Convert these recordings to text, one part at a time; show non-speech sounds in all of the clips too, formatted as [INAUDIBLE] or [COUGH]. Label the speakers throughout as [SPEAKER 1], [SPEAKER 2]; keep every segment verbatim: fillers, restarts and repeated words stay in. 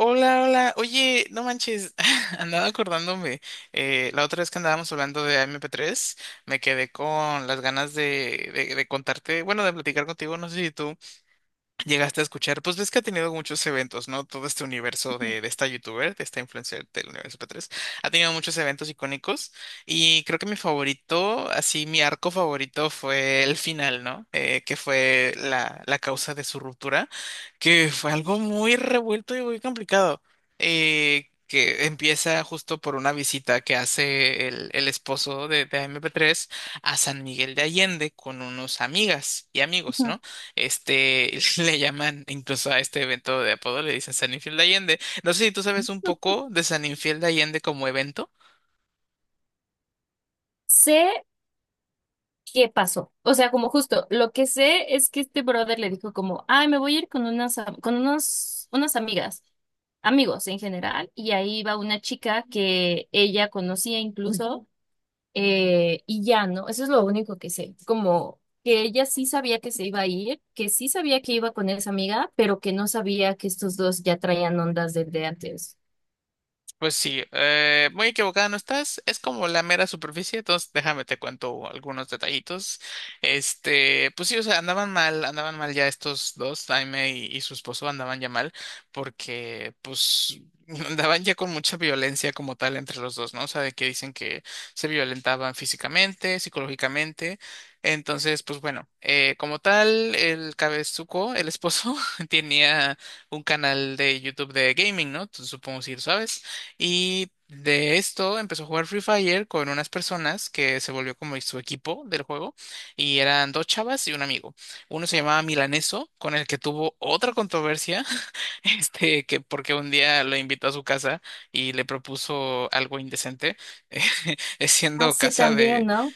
[SPEAKER 1] Hola, hola. Oye, no manches, [LAUGHS] andaba acordándome. Eh, la otra vez que andábamos hablando de M P tres, me quedé con las ganas de, de, de contarte, bueno, de platicar contigo, no sé si tú. Llegaste a escuchar, pues ves que ha tenido muchos eventos, ¿no? Todo este universo de, de esta youtuber, de esta influencer del universo p tres ha tenido muchos eventos icónicos, y creo que mi favorito, así mi arco favorito fue el final, ¿no? Eh, que fue la, la causa de su ruptura, que fue algo muy revuelto y muy complicado, eh, que empieza justo por una visita que hace el, el esposo de, de M P tres a San Miguel de Allende con unos amigas y amigos,
[SPEAKER 2] Ujú.
[SPEAKER 1] ¿no? Este, [LAUGHS] le llaman incluso a este evento de apodo, le dicen San Infiel de Allende. No sé si tú sabes un poco de San Infiel de Allende como evento.
[SPEAKER 2] Sé qué pasó. O sea, como justo, lo que sé es que este brother le dijo como, ay, me voy a ir con unas, am- con unos, unas amigas, amigos en general, y ahí va una chica que ella conocía incluso, eh, y ya, ¿no? Eso es lo único que sé, como que ella sí sabía que se iba a ir, que sí sabía que iba con esa amiga, pero que no sabía que estos dos ya traían ondas desde antes.
[SPEAKER 1] Pues sí, eh, muy equivocada no estás, es como la mera superficie, entonces déjame te cuento algunos detallitos. Este, pues sí, o sea, andaban mal, andaban mal ya estos dos, Jaime y, y su esposo andaban ya mal, porque pues [LAUGHS] andaban ya con mucha violencia como tal entre los dos, ¿no? O sea, de que dicen que se violentaban físicamente, psicológicamente. Entonces, pues bueno, eh, como tal, el cabezuco, el esposo, [LAUGHS] tenía un canal de YouTube de gaming, ¿no? Tú supongo si lo sabes. Y de esto empezó a jugar Free Fire con unas personas que se volvió como su equipo del juego. Y eran dos chavas y un amigo. Uno se llamaba Milaneso, con el que tuvo otra controversia, [LAUGHS] este, que porque un día lo invitó a su casa y le propuso algo indecente, [LAUGHS] eh,
[SPEAKER 2] Ah,
[SPEAKER 1] siendo
[SPEAKER 2] sí,
[SPEAKER 1] casa
[SPEAKER 2] también,
[SPEAKER 1] de.
[SPEAKER 2] ¿no?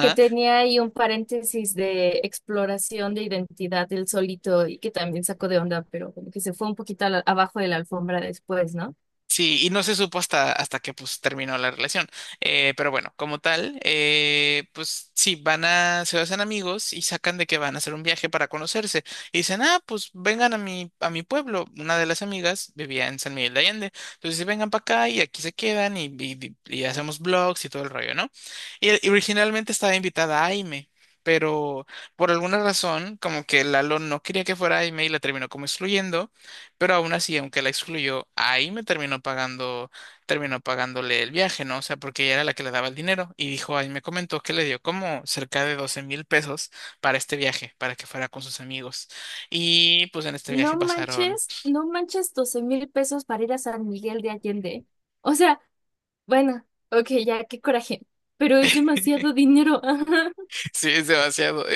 [SPEAKER 2] Que tenía ahí un paréntesis de exploración de identidad del solito y que también sacó de onda, pero como que se fue un poquito a la- abajo de la alfombra después, ¿no?
[SPEAKER 1] Sí, y no se supo hasta, hasta que pues terminó la relación. Eh, pero bueno, como tal, eh, pues sí, van a, se hacen amigos y sacan de que van a hacer un viaje para conocerse. Y dicen, ah, pues vengan a mi, a mi, pueblo. Una de las amigas vivía en San Miguel de Allende. Entonces, dice, vengan para acá y aquí se quedan y, y, y hacemos vlogs y todo el rollo, ¿no? Y, y originalmente estaba invitada Aime. Pero por alguna razón, como que Lalo no quería que fuera Aime y la terminó como excluyendo. Pero aún así, aunque la excluyó, ahí me terminó pagando, terminó pagándole el viaje, ¿no? O sea, porque ella era la que le daba el dinero y dijo, ahí me comentó que le dio como cerca de doce mil pesos para este viaje, para que fuera con sus amigos. Y pues en este
[SPEAKER 2] No
[SPEAKER 1] viaje pasaron.
[SPEAKER 2] manches, no manches, doce mil pesos para ir a San Miguel de Allende. O sea, bueno, ok, ya, qué coraje, pero es
[SPEAKER 1] [LAUGHS]
[SPEAKER 2] demasiado dinero. [LAUGHS]
[SPEAKER 1] Sí, es demasiado. [LAUGHS]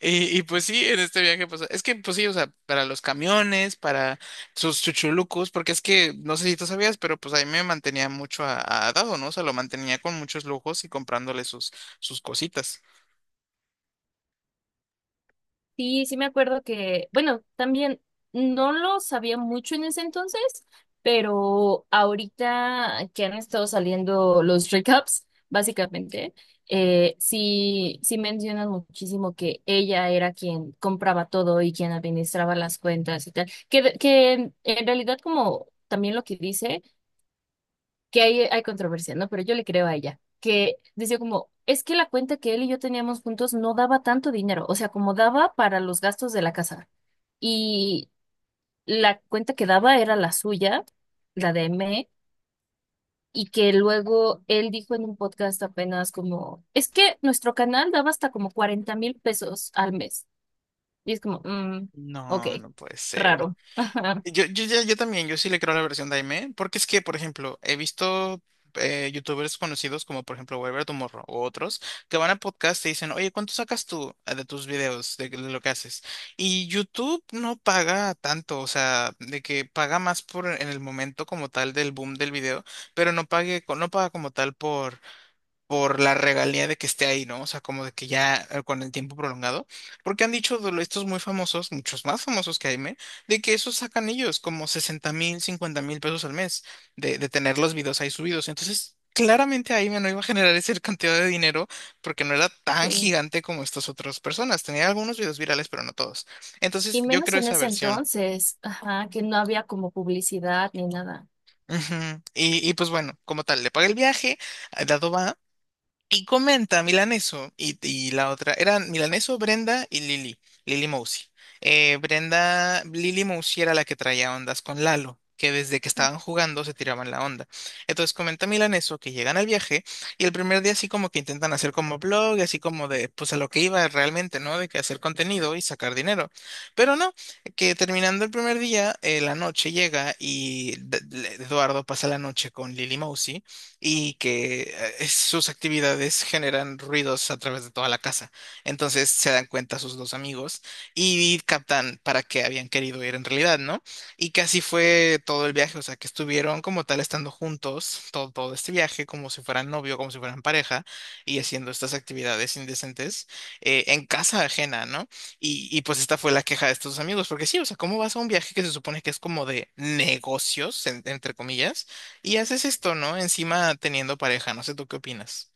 [SPEAKER 1] Y, y pues sí, en este viaje, pues es que, pues sí, o sea, para los camiones, para sus chuchulucos, porque es que, no sé si tú sabías, pero pues ahí me mantenía mucho a, a, Dado, ¿no? O sea, lo mantenía con muchos lujos y comprándole sus, sus cositas.
[SPEAKER 2] Sí, sí me acuerdo que, bueno, también no lo sabía mucho en ese entonces, pero ahorita que han estado saliendo los recaps, básicamente, eh, sí, sí mencionan muchísimo que ella era quien compraba todo y quien administraba las cuentas y tal, que, que en realidad como también lo que dice que hay, hay controversia, ¿no? Pero yo le creo a ella, que decía como, es que la cuenta que él y yo teníamos juntos no daba tanto dinero, o sea, como daba para los gastos de la casa. Y la cuenta que daba era la suya, la de M, y que luego él dijo en un podcast apenas como, es que nuestro canal daba hasta como cuarenta mil pesos al mes. Y es como, mm, ok,
[SPEAKER 1] No, no puede ser.
[SPEAKER 2] raro. [LAUGHS] Ajá,
[SPEAKER 1] Yo, yo, yo, yo también, yo sí le creo a la versión de Aimee, porque es que, por ejemplo, he visto eh, youtubers conocidos como, por ejemplo, Weber Tomorrow o otros, que van a podcast y dicen, oye, ¿cuánto sacas tú eh, de tus videos, de, de lo que haces? Y YouTube no paga tanto, o sea, de que paga más por en el momento como tal del boom del video, pero no pague, co- no paga como tal por por la regalía de que esté ahí, ¿no? O sea, como de que ya eh, con el tiempo prolongado, porque han dicho de lo- estos muy famosos, muchos más famosos que Jaime, de que esos sacan ellos como sesenta mil, cincuenta mil pesos al mes de, de tener los videos ahí subidos. Entonces, claramente Jaime no iba a generar esa [LAUGHS] cantidad de dinero porque no era tan
[SPEAKER 2] sí.
[SPEAKER 1] gigante como estas otras personas. Tenía algunos videos virales, pero no todos. Entonces,
[SPEAKER 2] Y
[SPEAKER 1] yo
[SPEAKER 2] menos
[SPEAKER 1] creo
[SPEAKER 2] en
[SPEAKER 1] esa
[SPEAKER 2] ese
[SPEAKER 1] versión.
[SPEAKER 2] entonces, ajá, que no había como publicidad ni nada.
[SPEAKER 1] Ujú. Y, y pues bueno, como tal, le paga el viaje, eh, Dado va. Y comenta Milaneso y, y la otra, eran Milaneso, Brenda y Lili, Lili Mousi. Eh, Brenda, Lili Mousi era la que traía ondas con Lalo, que desde que estaban jugando se tiraban la onda. Entonces comenta Milaneso que llegan al viaje y el primer día así como que intentan hacer como blog, y así como de, pues a lo que iba realmente, ¿no? De que hacer contenido y sacar dinero. Pero no, que terminando el primer día, eh, la noche llega y D- D- Eduardo pasa la noche con Lili Mousi, y que eh, sus actividades generan ruidos a través de toda la casa. Entonces se dan cuenta sus dos amigos y captan para qué habían querido ir en realidad, ¿no? Y que así fue todo el viaje, o sea, que estuvieron como tal estando juntos todo, todo este viaje, como si fueran novio, como si fueran pareja, y haciendo estas actividades indecentes eh, en casa ajena, ¿no? Y, y pues esta fue la queja de estos amigos, porque sí, o sea, ¿cómo vas a un viaje que se supone que es como de negocios, en- entre comillas? Y haces esto, ¿no? Encima teniendo pareja, no sé tú qué opinas.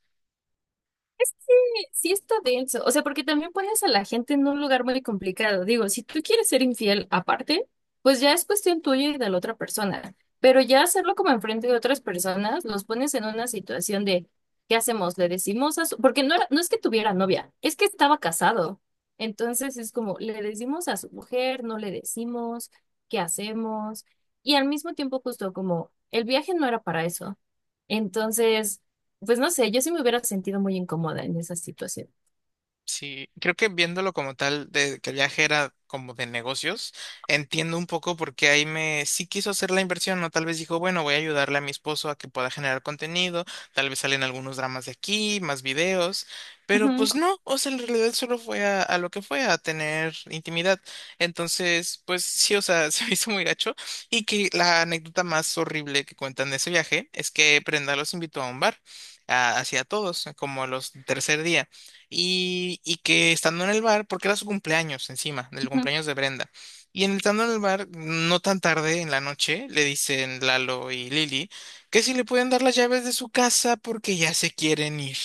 [SPEAKER 2] Sí, está denso, o sea, porque también pones a la gente en un lugar muy complicado. Digo, si tú quieres ser infiel aparte, pues ya es cuestión tuya y de la otra persona. Pero ya hacerlo como enfrente de otras personas, los pones en una situación de, ¿qué hacemos? ¿Le decimos a su... Porque no era- no es que tuviera novia, es que estaba casado. Entonces es como, le decimos a su mujer, no le decimos, ¿qué hacemos? Y al mismo tiempo justo como, el viaje no era para eso. Entonces... Pues no sé, yo sí me hubiera sentido muy incómoda en esa situación.
[SPEAKER 1] Sí, creo que viéndolo como tal, de que el viaje era como de negocios, entiendo un poco por qué ahí me sí quiso hacer la inversión, ¿no? Tal vez dijo, bueno, voy a ayudarle a mi esposo a que pueda generar contenido, tal vez salen algunos dramas de aquí, más videos, pero
[SPEAKER 2] Ujú,
[SPEAKER 1] pues no, o sea, en realidad solo fue a, a, lo que fue, a tener intimidad. Entonces, pues sí, o sea, [LAUGHS] se me hizo muy gacho. Y que la anécdota más horrible que cuentan de ese viaje es que Prenda los invitó a un bar, a, hacia todos, como los tercer día, y, y que estando en el bar, porque era su cumpleaños encima, del
[SPEAKER 2] ujú.
[SPEAKER 1] cumpleaños de Brenda, y en, estando en el bar, no tan tarde en la noche, le dicen Lalo y Lili que si le pueden dar las llaves de su casa porque ya se quieren ir.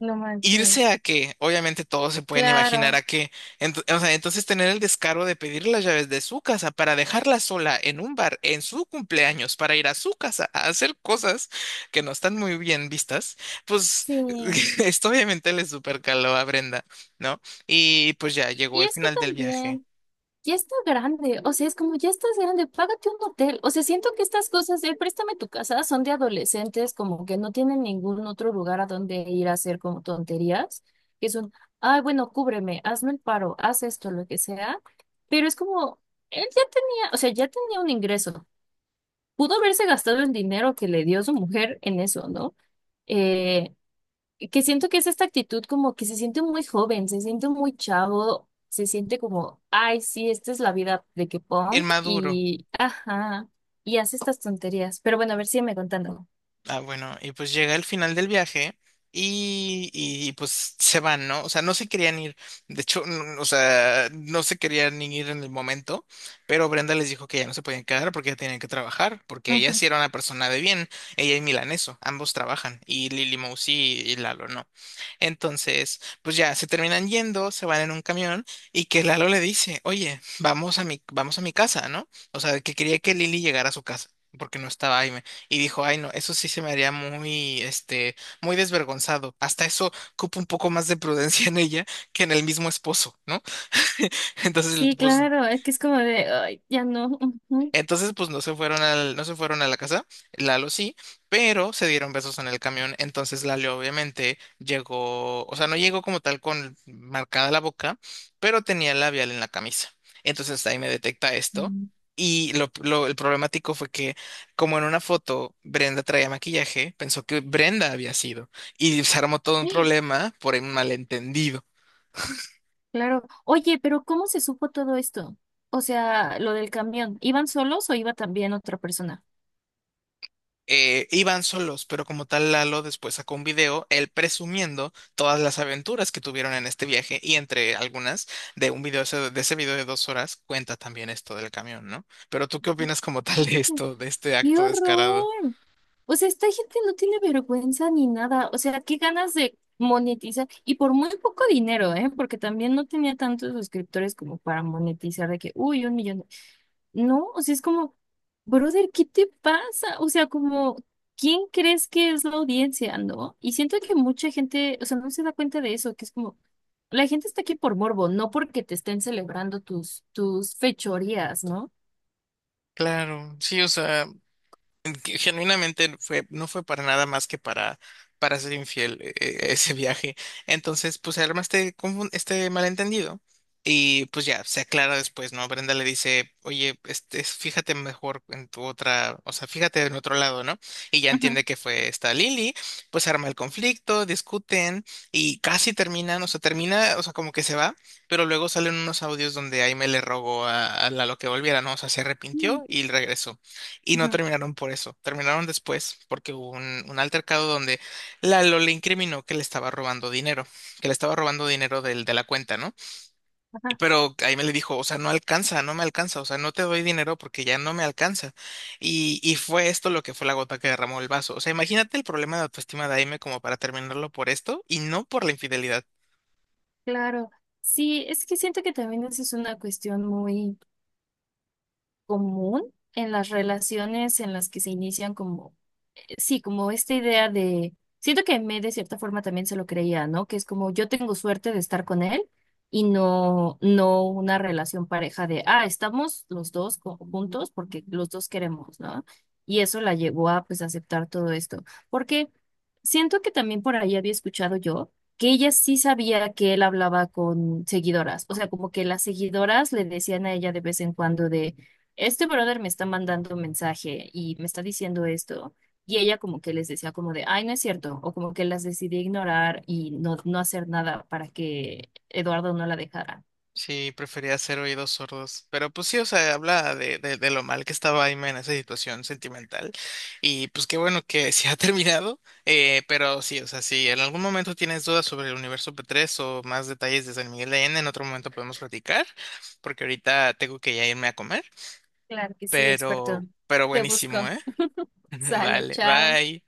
[SPEAKER 2] No
[SPEAKER 1] Irse
[SPEAKER 2] manches.
[SPEAKER 1] a que, obviamente todos se pueden imaginar
[SPEAKER 2] Claro,
[SPEAKER 1] a que, ento- o sea, entonces tener el descaro de pedir las llaves de su casa para dejarla sola en un bar en su cumpleaños para ir a su casa a hacer cosas que no están muy bien vistas, pues
[SPEAKER 2] sí.
[SPEAKER 1] [LAUGHS] esto obviamente le supercaló a Brenda, ¿no? Y pues ya llegó
[SPEAKER 2] Y
[SPEAKER 1] el
[SPEAKER 2] es que
[SPEAKER 1] final del viaje.
[SPEAKER 2] también, ya está grande, o sea, es como, ya estás grande, págate un hotel. O sea, siento que estas cosas de préstame tu casa son de adolescentes, como que no tienen ningún otro lugar a donde ir a hacer como tonterías, que son, ay, bueno, cúbreme, hazme el paro, haz esto, lo que sea. Pero es como, él ya tenía, o sea, ya tenía un ingreso. Pudo haberse gastado el dinero que le dio su mujer en eso, ¿no? Eh, que siento que es esta actitud como que se siente muy joven, se siente muy chavo, se siente como, ay, sí, esta es la vida de que punk
[SPEAKER 1] Inmaduro.
[SPEAKER 2] y, ajá, y hace estas tonterías. Pero bueno, a ver, sígueme contando.
[SPEAKER 1] Ah, bueno, y pues llega el final del viaje y, y pues se van, ¿no? O sea, no se querían ir, de hecho, n- o sea, no se querían ni ir en el momento, pero Brenda les dijo que ya no se podían quedar porque ya tenían que trabajar, porque ella
[SPEAKER 2] Ujú.
[SPEAKER 1] sí era una persona de bien, ella y Milaneso, ambos trabajan, y Lily Mousy y, y Lalo no. Entonces, pues ya se terminan yendo, se van en un camión y que Lalo le dice, oye, vamos a mi, vamos a mi casa, ¿no? O sea, que quería que Lily llegara a su casa. Porque no estaba ahí y dijo, ay no, eso sí se me haría muy, este, muy desvergonzado. Hasta eso cupo un poco más de prudencia en ella que en el mismo esposo, ¿no? [LAUGHS] Entonces,
[SPEAKER 2] Sí,
[SPEAKER 1] pues
[SPEAKER 2] claro, es que es como de, ay, ya no. Ujú.
[SPEAKER 1] Entonces, pues no se fueron al, no se fueron a la casa, Lalo sí, pero se dieron besos en el camión. Entonces Lalo obviamente llegó, o sea, no llegó como tal con marcada la boca, pero tenía el labial en la camisa. Entonces ahí me detecta esto.
[SPEAKER 2] Mm.
[SPEAKER 1] Y lo, lo- el problemático fue que, como en una foto Brenda traía maquillaje, pensó que Brenda había sido. Y se armó todo un problema por un malentendido.
[SPEAKER 2] Claro. Oye, pero ¿cómo se supo todo esto? O sea, lo del camión, ¿iban solos o iba también otra persona?
[SPEAKER 1] Eh, iban solos, pero como tal Lalo después sacó un video, él presumiendo todas las aventuras que tuvieron en este viaje y entre algunas de un video ese- de ese video de dos horas cuenta también esto del camión, ¿no? ¿Pero tú qué opinas como tal de esto, de este
[SPEAKER 2] ¡Qué
[SPEAKER 1] acto descarado?
[SPEAKER 2] horror! O sea, esta gente no tiene vergüenza ni nada. O sea, qué ganas de monetizar. Y por muy poco dinero, ¿eh? Porque también no tenía tantos suscriptores como para monetizar de que, uy, un millón. No, o sea, es como, brother, ¿qué te pasa? O sea, como, ¿quién crees que es la audiencia, no? Y siento que mucha gente, o sea, no se da cuenta de eso, que es como, la gente está aquí por morbo, no porque te estén celebrando tus, tus fechorías, ¿no?
[SPEAKER 1] Claro, sí, o sea. Que genuinamente fue, no fue para nada más que para, para ser infiel eh, eh, ese viaje. Entonces, pues se arma este, confun- este malentendido y pues ya se aclara después, ¿no? Brenda le dice, oye, este, es- fíjate mejor en tu otra, o sea, fíjate en otro lado, ¿no? Y ya
[SPEAKER 2] Ujú,
[SPEAKER 1] entiende que fue esta Lily, pues se arma el conflicto, discuten y casi terminan, o sea, termina, o sea, como que se va, pero luego salen unos audios donde Aime le rogó a, a, Lalo que volviera, ¿no? O sea, se arrepintió y regresó. Y no
[SPEAKER 2] ujú,
[SPEAKER 1] terminaron por eso, terminaron después porque hubo un, un altercado donde Lalo le incriminó que le estaba robando dinero, que le estaba robando dinero del, de la cuenta, ¿no? Y
[SPEAKER 2] ajá.
[SPEAKER 1] pero ahí me le dijo, o sea, no alcanza, no me alcanza, o sea, no te doy dinero porque ya no me alcanza. Y, y fue esto lo que fue la gota que derramó el vaso. O sea, imagínate el problema de autoestima de Aime como para terminarlo por esto y no por la infidelidad.
[SPEAKER 2] Claro, sí, es que siento que también esa es una cuestión muy común en las relaciones en las que se inician como sí, como esta idea de, siento que me de cierta forma también se lo creía, ¿no? Que es como yo tengo suerte de estar con él y no, no una relación pareja de, ah, estamos los dos co- juntos porque los dos queremos, ¿no? Y eso la llevó a pues aceptar todo esto, porque siento que también por ahí había escuchado yo que ella sí sabía que él hablaba con seguidoras, o sea, como que las seguidoras le decían a ella de vez en cuando de, este brother me está mandando un mensaje y me está diciendo esto. Y ella como que les decía como de, ay, no es cierto, o como que las decidí ignorar y no, no hacer nada para que Eduardo no la dejara.
[SPEAKER 1] Sí, prefería ser oídos sordos. Pero pues sí, o sea, habla de, de, de lo mal que estaba Aime en esa situación sentimental. Y pues qué bueno que se ha [LAUGHS] terminado. Eh, pero sí, o sea, si en algún momento tienes dudas sobre el universo P tres o más detalles de San Miguel de Allende, en otro momento podemos platicar, porque ahorita tengo que ya irme a comer.
[SPEAKER 2] Claro que sí, experto.
[SPEAKER 1] Pero, pero
[SPEAKER 2] Te
[SPEAKER 1] buenísimo,
[SPEAKER 2] busco.
[SPEAKER 1] ¿eh? [LAUGHS]
[SPEAKER 2] Sale,
[SPEAKER 1] Vale,
[SPEAKER 2] chao.
[SPEAKER 1] bye.